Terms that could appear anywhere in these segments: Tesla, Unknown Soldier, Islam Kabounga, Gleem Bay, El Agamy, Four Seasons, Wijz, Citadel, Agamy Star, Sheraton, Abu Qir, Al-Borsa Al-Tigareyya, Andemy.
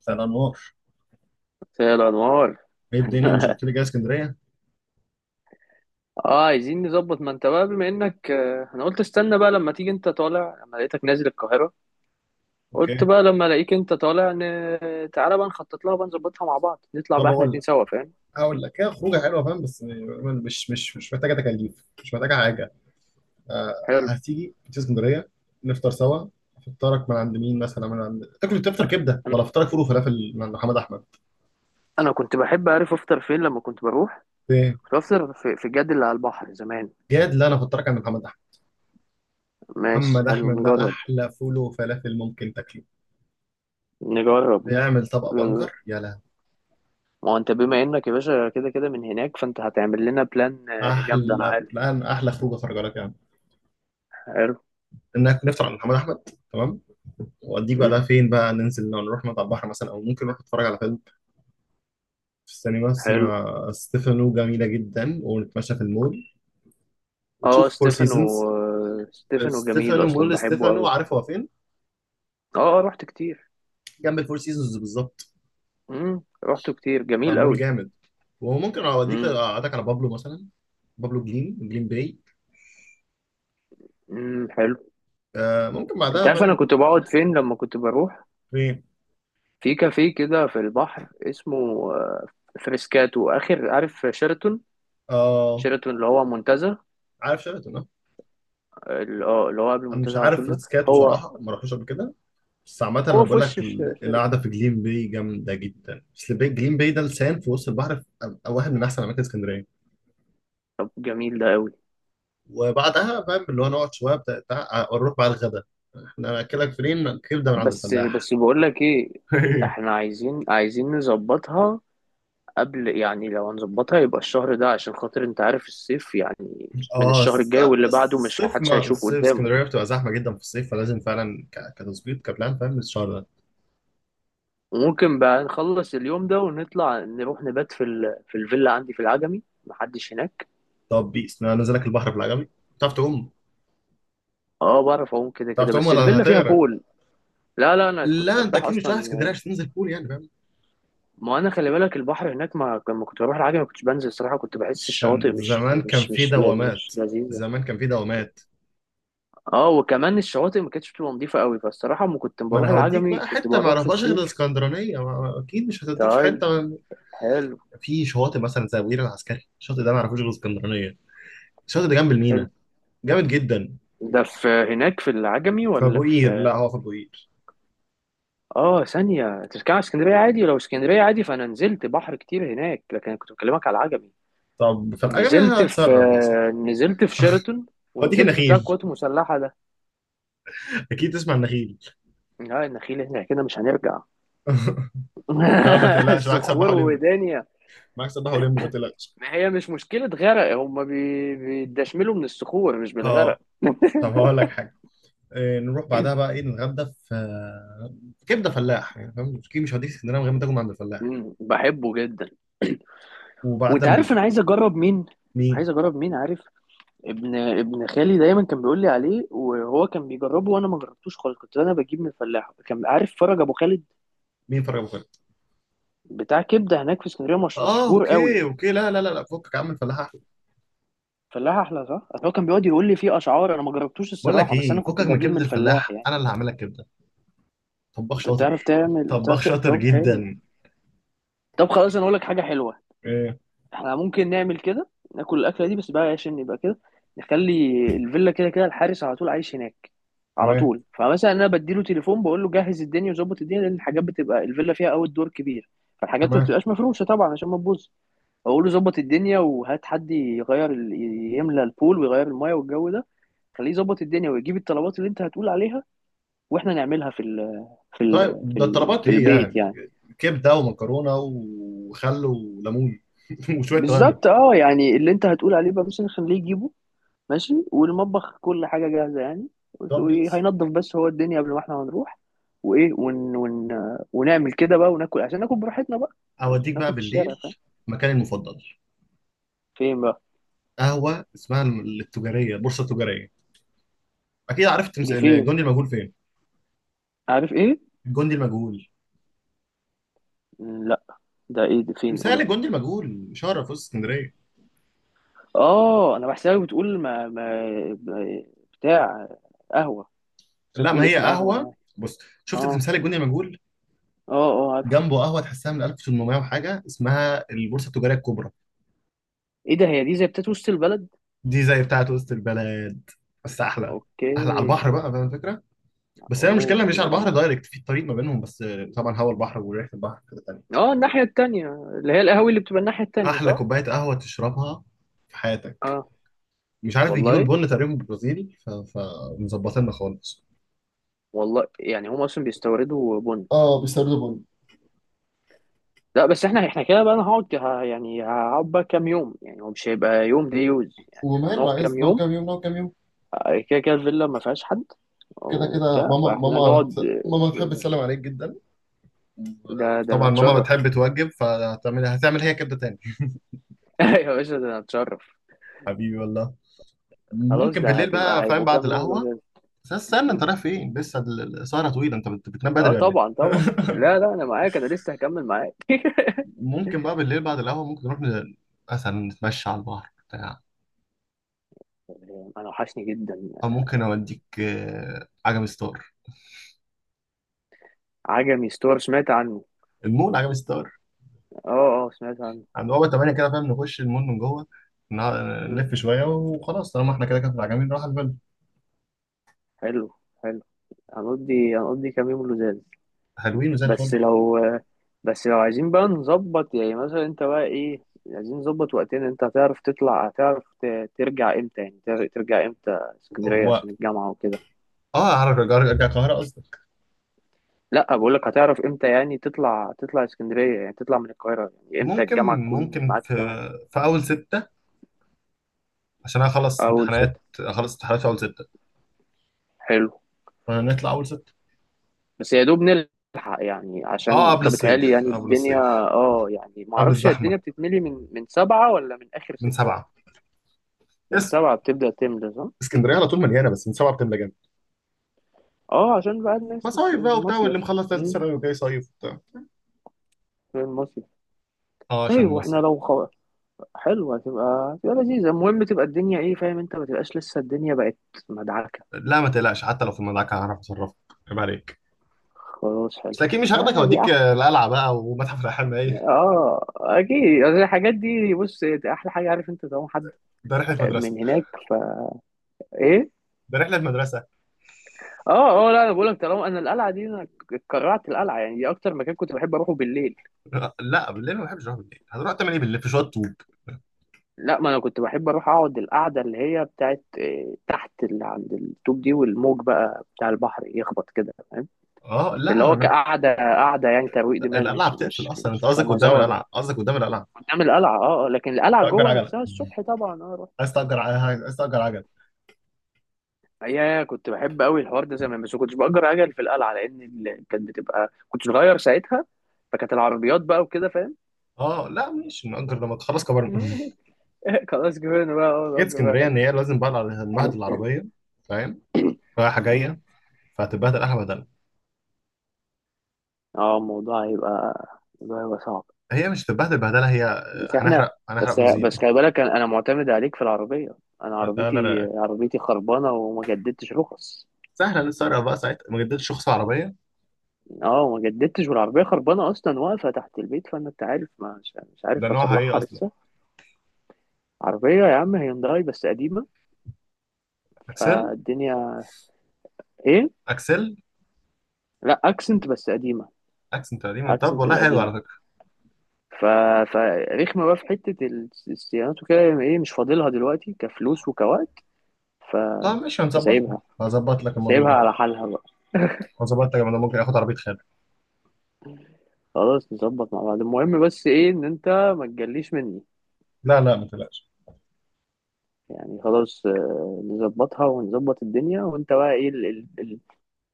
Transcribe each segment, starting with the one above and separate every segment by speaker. Speaker 1: مساء الانوار.
Speaker 2: مساء الانوار.
Speaker 1: ايه الدنيا؟ مش قلت لي جاي اسكندريه.
Speaker 2: اه، عايزين نظبط. ما انت بقى بما انك انا قلت استنى بقى لما تيجي انت طالع، لما لقيتك نازل القاهره. قلت
Speaker 1: اوكي.
Speaker 2: بقى لما الاقيك انت طالع تعالى بقى نخطط لها بقى، نظبطها مع بعض، نطلع
Speaker 1: طب
Speaker 2: بقى احنا
Speaker 1: اقول
Speaker 2: اتنين
Speaker 1: لك
Speaker 2: سوا، فاهم؟
Speaker 1: هقول لك، هي خروجه حلوه فاهم، بس يعني مش محتاجه تكاليف، مش محتاجه حاجه. آه
Speaker 2: حلو.
Speaker 1: تيجي اسكندريه، نفطر سوا. فطارك من عند مين؟ مثلا من عند تاكل تفطر كبده،
Speaker 2: انا
Speaker 1: ولا فطارك فول وفلافل من عند محمد احمد؟
Speaker 2: أنا كنت بحب اعرف افطر فين لما كنت بروح.
Speaker 1: ايه.
Speaker 2: كنت بفطر في الجد اللي على البحر زمان.
Speaker 1: جاد؟ لا، انا فطارك عند محمد احمد.
Speaker 2: ماشي،
Speaker 1: محمد
Speaker 2: حلو
Speaker 1: احمد ده
Speaker 2: نجرب.
Speaker 1: احلى فول وفلافل ممكن تاكله،
Speaker 2: نجرب.
Speaker 1: بيعمل طبق
Speaker 2: ما
Speaker 1: بنجر يا لهوي.
Speaker 2: هو انت بما انك يا باشا كده كده من هناك، فانت هتعمل لنا بلان جامده، انا
Speaker 1: احلى
Speaker 2: عارف.
Speaker 1: بلان، احلى خرجه لك يعني،
Speaker 2: حلو.
Speaker 1: انك نفطر عند محمد احمد. تمام. وأوديك
Speaker 2: مم.
Speaker 1: بعدها فين بقى؟ ننزل لو نروح مطعم بحر مثلا، أو ممكن نروح نتفرج على فيلم في السينما
Speaker 2: حلو.
Speaker 1: السينما ستيفانو جميلة جدا، ونتمشى في المول
Speaker 2: اه،
Speaker 1: وتشوف فور
Speaker 2: ستيفانو
Speaker 1: سيزونز.
Speaker 2: ستيفانو جميل
Speaker 1: ستيفانو
Speaker 2: اصلا،
Speaker 1: مول،
Speaker 2: بحبه
Speaker 1: ستيفانو
Speaker 2: قوي.
Speaker 1: عارف هو فين؟
Speaker 2: اه رحت كتير.
Speaker 1: جنب الفور سيزونز بالظبط،
Speaker 2: رحته كتير، جميل
Speaker 1: فمول
Speaker 2: قوي.
Speaker 1: جامد. وممكن أوديك
Speaker 2: امم.
Speaker 1: أقعدك على بابلو مثلا، بابلو جليم باي.
Speaker 2: امم، حلو.
Speaker 1: ممكن
Speaker 2: انت
Speaker 1: بعدها
Speaker 2: عارف انا
Speaker 1: فاهم.
Speaker 2: كنت بقعد فين لما كنت بروح؟
Speaker 1: فين؟
Speaker 2: في كافيه كده في البحر اسمه آه، فريسكاتو، اخر عارف شيراتون.
Speaker 1: آه
Speaker 2: شيراتون اللي هو منتزه.
Speaker 1: عارف شيراتون، اه.
Speaker 2: اللي هو قبل
Speaker 1: أنا مش
Speaker 2: المنتزه على طول
Speaker 1: عارف
Speaker 2: ده.
Speaker 1: ريتسكاتو
Speaker 2: هو
Speaker 1: صراحة، ما رحتوش قبل كده، بس عامة أنا
Speaker 2: هو في
Speaker 1: بقول لك
Speaker 2: وش شيراتون.
Speaker 1: القعدة في جليم باي جامدة جدا، بس جليم باي ده لسان في وسط البحر، في واحد من أحسن أماكن اسكندرية.
Speaker 2: طب جميل ده قوي.
Speaker 1: وبعدها فاهم اللي هو نقعد شوية نروح بقى الغدا. إحنا هنأكلك فين؟ كبدة من عند
Speaker 2: بس
Speaker 1: الفلاح.
Speaker 2: بس بقول لك ايه، احنا عايزين نظبطها قبل، يعني لو هنظبطها يبقى الشهر ده، عشان خاطر انت عارف الصيف يعني. من
Speaker 1: اه،
Speaker 2: الشهر الجاي
Speaker 1: قبل
Speaker 2: واللي بعده مش
Speaker 1: الصيف،
Speaker 2: محدش
Speaker 1: ما
Speaker 2: هيشوف
Speaker 1: الصيف
Speaker 2: قدامه.
Speaker 1: اسكندريه بتبقى زحمه جدا في الصيف، فلازم فعلا كتظبيط كبلان فاهم الشهر ده.
Speaker 2: وممكن بقى نخلص اليوم ده ونطلع نروح نبات في الفيلا عندي في العجمي، محدش هناك.
Speaker 1: طب بيس، انا نزلك البحر في العجمي. بتعرف تعوم؟
Speaker 2: اه بعرف اعوم كده
Speaker 1: بتعرف
Speaker 2: كده،
Speaker 1: تعوم
Speaker 2: بس
Speaker 1: ولا
Speaker 2: الفيلا فيها
Speaker 1: هتغرق؟
Speaker 2: بول. لا لا، انا كنت
Speaker 1: لا، انت
Speaker 2: سباح
Speaker 1: اكيد مش رايح اسكندريه
Speaker 2: اصلا.
Speaker 1: عشان تنزل بول يعني.
Speaker 2: ما انا خلي بالك البحر هناك، ما لما كنت بروح العجمي ما كنتش بنزل الصراحه، كنت بحس
Speaker 1: عشان
Speaker 2: الشواطئ مش
Speaker 1: زمان كان
Speaker 2: مش
Speaker 1: في
Speaker 2: مش لا
Speaker 1: دوامات،
Speaker 2: مش لذيذه.
Speaker 1: زمان كان في دوامات.
Speaker 2: اه، وكمان الشواطئ ما كانتش بتبقى نظيفه قوي، فالصراحه لما كنت
Speaker 1: ما انا
Speaker 2: بروح
Speaker 1: هوديك
Speaker 2: العجمي
Speaker 1: بقى
Speaker 2: كنت
Speaker 1: حته ما
Speaker 2: بروح في
Speaker 1: اعرفهاش غير
Speaker 2: الصيف.
Speaker 1: الاسكندرانيه، اكيد مش هتوديك في
Speaker 2: طيب،
Speaker 1: حته ما-.
Speaker 2: حلو
Speaker 1: في شواطئ مثلا زي ابو قير العسكري، الشاطئ ده ما اعرفوش غير الاسكندرانيه. الشاطئ ده جنب
Speaker 2: حلو.
Speaker 1: المينا، جامد جدا.
Speaker 2: ده في هناك في العجمي
Speaker 1: في
Speaker 2: ولا
Speaker 1: ابو قير،
Speaker 2: في؟
Speaker 1: لا هو في ابو قير.
Speaker 2: اه، ثانية تركب على اسكندرية عادي، لو اسكندرية عادي فأنا نزلت بحر كتير هناك، لكن أنا كنت بكلمك على العجمي.
Speaker 1: طب في العجمي
Speaker 2: نزلت في
Speaker 1: هتصرف.
Speaker 2: نزلت في شيراتون،
Speaker 1: هوديك
Speaker 2: ونزلت في بتاع
Speaker 1: النخيل.
Speaker 2: القوات المسلحة ده.
Speaker 1: اكيد تسمع النخيل.
Speaker 2: لا، النخيل هنا كده مش هنرجع.
Speaker 1: لا، ما تقلقش معاك سباح
Speaker 2: الصخور
Speaker 1: اولمبيك،
Speaker 2: ودنيا.
Speaker 1: معاك سباح اولمبيك ما تقلقش.
Speaker 2: ما هي مش مشكلة غرق، هما بيدشملوا من الصخور مش
Speaker 1: اه.
Speaker 2: بالغرق.
Speaker 1: طب هقول لك حاجه، نروح بعدها بقى ايه؟ نتغدى في كبده فلاح يعني، فاهم اكيد مش هديك اسكندريه من غير ما تاكل من عند الفلاح.
Speaker 2: بحبه جدا. وانت
Speaker 1: وبعدها من...
Speaker 2: عارف انا عايز اجرب مين.
Speaker 1: مين؟
Speaker 2: عايز اجرب مين، عارف؟ ابن خالي دايما كان بيقول لي عليه، وهو كان بيجربه وانا ما جربتوش خالص، كنت انا بجيب من فلاح كان عارف، فرج ابو خالد.
Speaker 1: مين فرج ابو خالد؟
Speaker 2: بتاع كبده هناك في اسكندريه، مش
Speaker 1: اه
Speaker 2: مشهور
Speaker 1: اوكي
Speaker 2: قوي.
Speaker 1: اوكي، لا لا لا لا، فكك يا عم، الفلاح احلى.
Speaker 2: فلاح احلى صح، أصل هو كان بيقعد يقول لي فيه اشعار، انا ما جربتوش
Speaker 1: بقول لك
Speaker 2: الصراحه، بس انا
Speaker 1: ايه،
Speaker 2: كنت
Speaker 1: فكك من
Speaker 2: بجيب من
Speaker 1: كبده
Speaker 2: الفلاح
Speaker 1: الفلاح،
Speaker 2: يعني.
Speaker 1: انا اللي هعمل لك كبده. طباخ
Speaker 2: انت
Speaker 1: شاطر،
Speaker 2: بتعرف تعمل،
Speaker 1: طباخ
Speaker 2: بتعرف
Speaker 1: شاطر
Speaker 2: طب، حلو.
Speaker 1: جدا.
Speaker 2: طب خلاص، انا اقول لك حاجه حلوه.
Speaker 1: ايه.
Speaker 2: احنا ممكن نعمل كده. ناكل الاكله دي بس بقى عشان نبقى كده. نخلي الفيلا، كده كده الحارس على طول عايش هناك على
Speaker 1: تمام
Speaker 2: طول. فمثلا انا بديله تليفون، بقول له جهز الدنيا وظبط الدنيا، لان الحاجات بتبقى الفيلا فيها اول دور كبير، فالحاجات ما
Speaker 1: تمام.
Speaker 2: بتبقاش مفروشه طبعا عشان ما تبوظ. اقول له ظبط الدنيا وهات حد يغير يملى البول ويغير المايه والجو ده. خليه يظبط الدنيا ويجيب الطلبات اللي انت هتقول عليها، واحنا نعملها
Speaker 1: طيب ده الطلبات
Speaker 2: في
Speaker 1: ايه
Speaker 2: البيت
Speaker 1: يعني؟
Speaker 2: يعني.
Speaker 1: كبده ومكرونه وخل وليمون، وشويه توابل.
Speaker 2: بالظبط، اه. يعني اللي انت هتقول عليه بقى مثلا خليه يجيبه. ماشي، والمطبخ كل حاجة جاهزة يعني.
Speaker 1: طب بيس،
Speaker 2: وهينضف بس هو الدنيا قبل ما احنا هنروح. وايه ون ون ونعمل كده بقى وناكل، عشان ناكل براحتنا بقى، مش
Speaker 1: اوديك بقى
Speaker 2: ناكل في الشارع،
Speaker 1: بالليل
Speaker 2: فاهم؟
Speaker 1: مكاني المفضل،
Speaker 2: فين بقى؟
Speaker 1: قهوه اسمها التجاريه، البورصه التجاريه. اكيد عارف تمس...
Speaker 2: دي فين؟
Speaker 1: الجندي المجهول فين؟
Speaker 2: عارف ايه؟
Speaker 1: الجندي المجهول،
Speaker 2: لا، ده ايه؟ دي فين قول
Speaker 1: تمثال
Speaker 2: لي.
Speaker 1: الجندي المجهول شارع في وسط اسكندريه.
Speaker 2: اه، انا بحسها بتقول ما- بتاع قهوة. بس
Speaker 1: لا ما
Speaker 2: بتقول
Speaker 1: هي
Speaker 2: اسم قهوة
Speaker 1: قهوه،
Speaker 2: يعني.
Speaker 1: بص، شفت
Speaker 2: اه.
Speaker 1: تمثال الجندي المجهول،
Speaker 2: اه، اه عارف.
Speaker 1: جنبه قهوه تحسها من 1800 وحاجه، اسمها البورصه التجاريه الكبرى.
Speaker 2: ايه ده؟ هي دي زي بتاعت وسط البلد.
Speaker 1: دي زي بتاعه وسط البلد، بس احلى،
Speaker 2: اوكي.
Speaker 1: احلى على البحر بقى فاهم الفكره. بس هي المشكله
Speaker 2: اوه،
Speaker 1: مش على
Speaker 2: هتبقى
Speaker 1: البحر
Speaker 2: جامدة.
Speaker 1: دايركت، في الطريق ما بينهم بس. طبعا هوا البحر وريحه البحر كده تاني.
Speaker 2: اه، الناحية التانية، اللي هي القهوة اللي بتبقى الناحية التانية،
Speaker 1: احلى
Speaker 2: صح.
Speaker 1: كوبايه قهوه تشربها في حياتك.
Speaker 2: اه.
Speaker 1: مش عارف بيجيبوا
Speaker 2: والله.
Speaker 1: البن تقريبا برازيلي، فمظبطيننا خالص.
Speaker 2: والله، يعني هم اصلا بيستوردوا بن.
Speaker 1: اه بيستوردوا بن.
Speaker 2: لا، بس احنا كده بقى، انا هقعد يعني هقعد بقى كام يوم، يعني هو مش هيبقى يوم دي يوز يعني، احنا هنقعد
Speaker 1: وماله، عايز
Speaker 2: كام
Speaker 1: نقعد
Speaker 2: يوم.
Speaker 1: كام يوم نقعد كام يوم.
Speaker 2: كده كده الفيلا ما فيهاش حد
Speaker 1: كده كده
Speaker 2: وبتاع،
Speaker 1: ماما،
Speaker 2: فاحنا
Speaker 1: ماما،
Speaker 2: نقعد.
Speaker 1: ماما تحب تسلم عليك جدا.
Speaker 2: ده انا
Speaker 1: طبعا ماما
Speaker 2: اتشرف.
Speaker 1: بتحب توجب، فهتعمل هتعمل هي كده تاني.
Speaker 2: يا باشا، ده انا اتشرف.
Speaker 1: حبيبي والله.
Speaker 2: خلاص،
Speaker 1: ممكن
Speaker 2: ده
Speaker 1: بالليل بقى
Speaker 2: هتبقى
Speaker 1: فاهم
Speaker 2: هيبقوا
Speaker 1: بعد
Speaker 2: كام يوم
Speaker 1: القهوة.
Speaker 2: لوزات.
Speaker 1: بس استنى، انت
Speaker 2: مم.
Speaker 1: رايح فين لسه؟ السهرة طويلة، انت بتنام
Speaker 2: اه
Speaker 1: بدري ولا ايه؟
Speaker 2: طبعا طبعا، لا لا، انا معاك، انا لسه هكمل معاك.
Speaker 1: ممكن بقى بالليل بعد القهوة، ممكن نروح مثلا نتمشى على البحر بتاع.
Speaker 2: انا وحشني جدا.
Speaker 1: او ممكن اوديك عجمي ستار،
Speaker 2: عجمي ستور، سمعت عنه.
Speaker 1: المول عجمي ستار،
Speaker 2: اه اه، سمعت عنه.
Speaker 1: عند بابا 8 كده فاهم، نخش المول من جوه، نع-
Speaker 2: مم.
Speaker 1: نلف شويه، وخلاص طالما احنا كده كده راجعين نروح على الفيلا.
Speaker 2: حلو حلو. هنقضي كام يوم لزاز.
Speaker 1: حلوين وزي
Speaker 2: بس
Speaker 1: الفل.
Speaker 2: لو بس لو عايزين بقى نظبط، يعني مثلا انت بقى ايه. عايزين نظبط وقتين، انت هتعرف تطلع، هتعرف ترجع امتى، يعني ترجع امتى اسكندرية
Speaker 1: و...
Speaker 2: عشان الجامعة وكده.
Speaker 1: اه اعرف ارجع، ارجع القاهره قصدي.
Speaker 2: لا بقول لك هتعرف امتى، يعني تطلع اسكندرية، يعني تطلع من القاهرة يعني امتى
Speaker 1: ممكن
Speaker 2: الجامعة تكون
Speaker 1: ممكن
Speaker 2: معاك،
Speaker 1: في
Speaker 2: تمام.
Speaker 1: في اول سته، عشان انا
Speaker 2: اول ستة.
Speaker 1: اخلص امتحانات في اول سته،
Speaker 2: حلو.
Speaker 1: فنطلع اول سته.
Speaker 2: بس يا دوب نلحق يعني،
Speaker 1: اه
Speaker 2: عشان
Speaker 1: قبل
Speaker 2: طب بيتهيألي
Speaker 1: الصيف،
Speaker 2: يعني
Speaker 1: قبل
Speaker 2: الدنيا.
Speaker 1: الصيف،
Speaker 2: اه، يعني
Speaker 1: قبل
Speaker 2: معرفش هي
Speaker 1: الزحمه.
Speaker 2: الدنيا بتتملي من سبعة ولا من آخر
Speaker 1: من
Speaker 2: ستة.
Speaker 1: سبعه.
Speaker 2: من
Speaker 1: اس
Speaker 2: سبعة بتبدأ تملى، صح؟
Speaker 1: اسكندريه على طول مليانه، بس من سبعه بتملى جامد.
Speaker 2: اه، عشان بقى الناس
Speaker 1: مصايف بقى وبتاع واللي
Speaker 2: المصيف.
Speaker 1: مخلص ثالث
Speaker 2: مم،
Speaker 1: سنه وجاي صيف وبتاع.
Speaker 2: في المصيف.
Speaker 1: اه عشان
Speaker 2: طيب واحنا
Speaker 1: مصيف.
Speaker 2: لو حلوة، هتبقى لذيذة. المهم تبقى الدنيا، ايه فاهم، انت ما تبقاش لسه الدنيا بقت مدعكة.
Speaker 1: لا ما تقلقش، حتى لو في المدعكه هعرف اتصرف، عيب عليك.
Speaker 2: خلاص،
Speaker 1: بس
Speaker 2: حلو
Speaker 1: اكيد مش هاخدك
Speaker 2: آه، دي
Speaker 1: اوديك
Speaker 2: احلى.
Speaker 1: القلعه بقى ومتحف الاحلام ايه.
Speaker 2: اه اكيد، يعني الحاجات دي بص. احلى حاجة عارف انت، طالما حد
Speaker 1: ده رحله مدرسه،
Speaker 2: من هناك ايه.
Speaker 1: ده رحله مدرسه.
Speaker 2: اه اه، لا، انا بقول لك طالما انا القلعة دي، انا اتكرعت القلعة يعني، دي اكتر مكان كنت بحب اروحه بالليل.
Speaker 1: لا بالليل ما بحبش اروح، بالليل هتروح تعمل ايه بالليل؟ في شويه طوب.
Speaker 2: لا ما انا كنت بحب اروح اقعد القعده اللي هي بتاعت تحت، اللي عند الطوب دي، والموج بقى بتاع البحر يخبط كده، فاهم،
Speaker 1: اه لا،
Speaker 2: اللي هو كقعده قعده يعني ترويق دماغ،
Speaker 1: القلعه
Speaker 2: مش
Speaker 1: بتقفل
Speaker 2: مش
Speaker 1: اصلا، انت
Speaker 2: مش
Speaker 1: قصدك قدام
Speaker 2: كمزار.
Speaker 1: القلعه، قصدك قدام القلعه.
Speaker 2: قدام القلعه، اه لكن القلعه
Speaker 1: تأجر
Speaker 2: جوه
Speaker 1: عجله؟
Speaker 2: نفسها الصبح طبعا، اه رحت.
Speaker 1: عايز تأجر عايز تأجر عجله؟
Speaker 2: يا كنت بحب قوي الحوار ده زمان، بس ما كنتش باجر عجل في القلعه لان كانت بتبقى، كنت صغير ساعتها، فكانت العربيات بقى وكده فاهم.
Speaker 1: اه لا مش نأجر لما تخلص كبرنا.
Speaker 2: خلاص كبرنا بقى،
Speaker 1: جيت
Speaker 2: اه كفايه
Speaker 1: اسكندريه ان
Speaker 2: حتة.
Speaker 1: هي لازم بقى هنبهدل العربيه فاهم، رايحه جايه، فهتتبهدل احلى بهدله.
Speaker 2: اه، الموضوع هيبقى صعب.
Speaker 1: هي مش هتتبهدل بهدله هي،
Speaker 2: بس احنا.
Speaker 1: هنحرق
Speaker 2: بس
Speaker 1: بنزين.
Speaker 2: خلي بالك انا، معتمد عليك في العربيه. انا
Speaker 1: لا
Speaker 2: عربيتي
Speaker 1: لا لا،
Speaker 2: عربيتي خربانه وما جددتش رخص.
Speaker 1: سهله نسرق بقى ساعتها ما جددتش رخص العربيه.
Speaker 2: اه وما جددتش والعربيه خربانه اصلا واقفه تحت البيت، فانا انت عارف ما مش
Speaker 1: ده
Speaker 2: عارف
Speaker 1: نوعها ايه
Speaker 2: اصلحها
Speaker 1: اصلا؟
Speaker 2: لسه. عربيه يا عم هيونداي بس قديمه.
Speaker 1: اكسل.
Speaker 2: فالدنيا. ايه.
Speaker 1: اكسل.
Speaker 2: لا، اكسنت بس قديمه.
Speaker 1: اكسن تقريبا. طب
Speaker 2: اكسنت
Speaker 1: والله حلو
Speaker 2: القديمه.
Speaker 1: على فكره.
Speaker 2: ف... فرخمه بقى في حته الصيانات وكده، ايه مش فاضلها دلوقتي كفلوس وكوقت. ف...
Speaker 1: طب ماشي هنظبطها،
Speaker 2: فسايبها.
Speaker 1: هظبط لك الموضوع
Speaker 2: سايبها
Speaker 1: ده،
Speaker 2: على حالها بقى.
Speaker 1: هظبط لك. انا ممكن اخد عربيه خالد.
Speaker 2: خلاص نظبط مع بعض، المهم بس ايه ان انت ما تجليش مني.
Speaker 1: لا لا ما تقلقش.
Speaker 2: يعني خلاص، نظبطها ونظبط الدنيا. وانت بقى ايه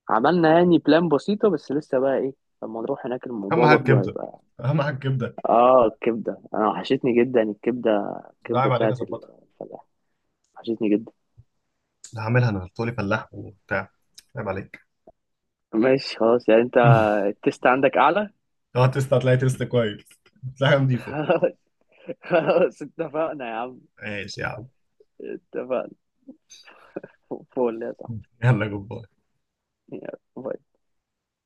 Speaker 2: عملنا يعني بلان بسيطة، بس لسه بقى ايه، لما نروح هناك
Speaker 1: اهم
Speaker 2: الموضوع
Speaker 1: حاجه
Speaker 2: برضو
Speaker 1: كبده،
Speaker 2: هيبقى.
Speaker 1: اهم حاجه كبده.
Speaker 2: اه الكبدة انا وحشتني جدا الكبدة.
Speaker 1: ده
Speaker 2: الكبدة
Speaker 1: عيب عليك
Speaker 2: بتاعت
Speaker 1: هظبطها.
Speaker 2: الفلاح. وحشتني جدا.
Speaker 1: ده هعملها انا، هتقولي فلاح وبتاع، عيب عليك.
Speaker 2: ماشي خلاص، يعني انت التست عندك اعلى.
Speaker 1: اه تسلا، هتلاقي تسلا كويس، هتلاقيها نضيفه.
Speaker 2: خلاص. خلاص اتفقنا يا عم.
Speaker 1: ماشي يا عم.
Speaker 2: اتفقنا. فول يا صاحبي.
Speaker 1: يلا جبار.
Speaker 2: يلا.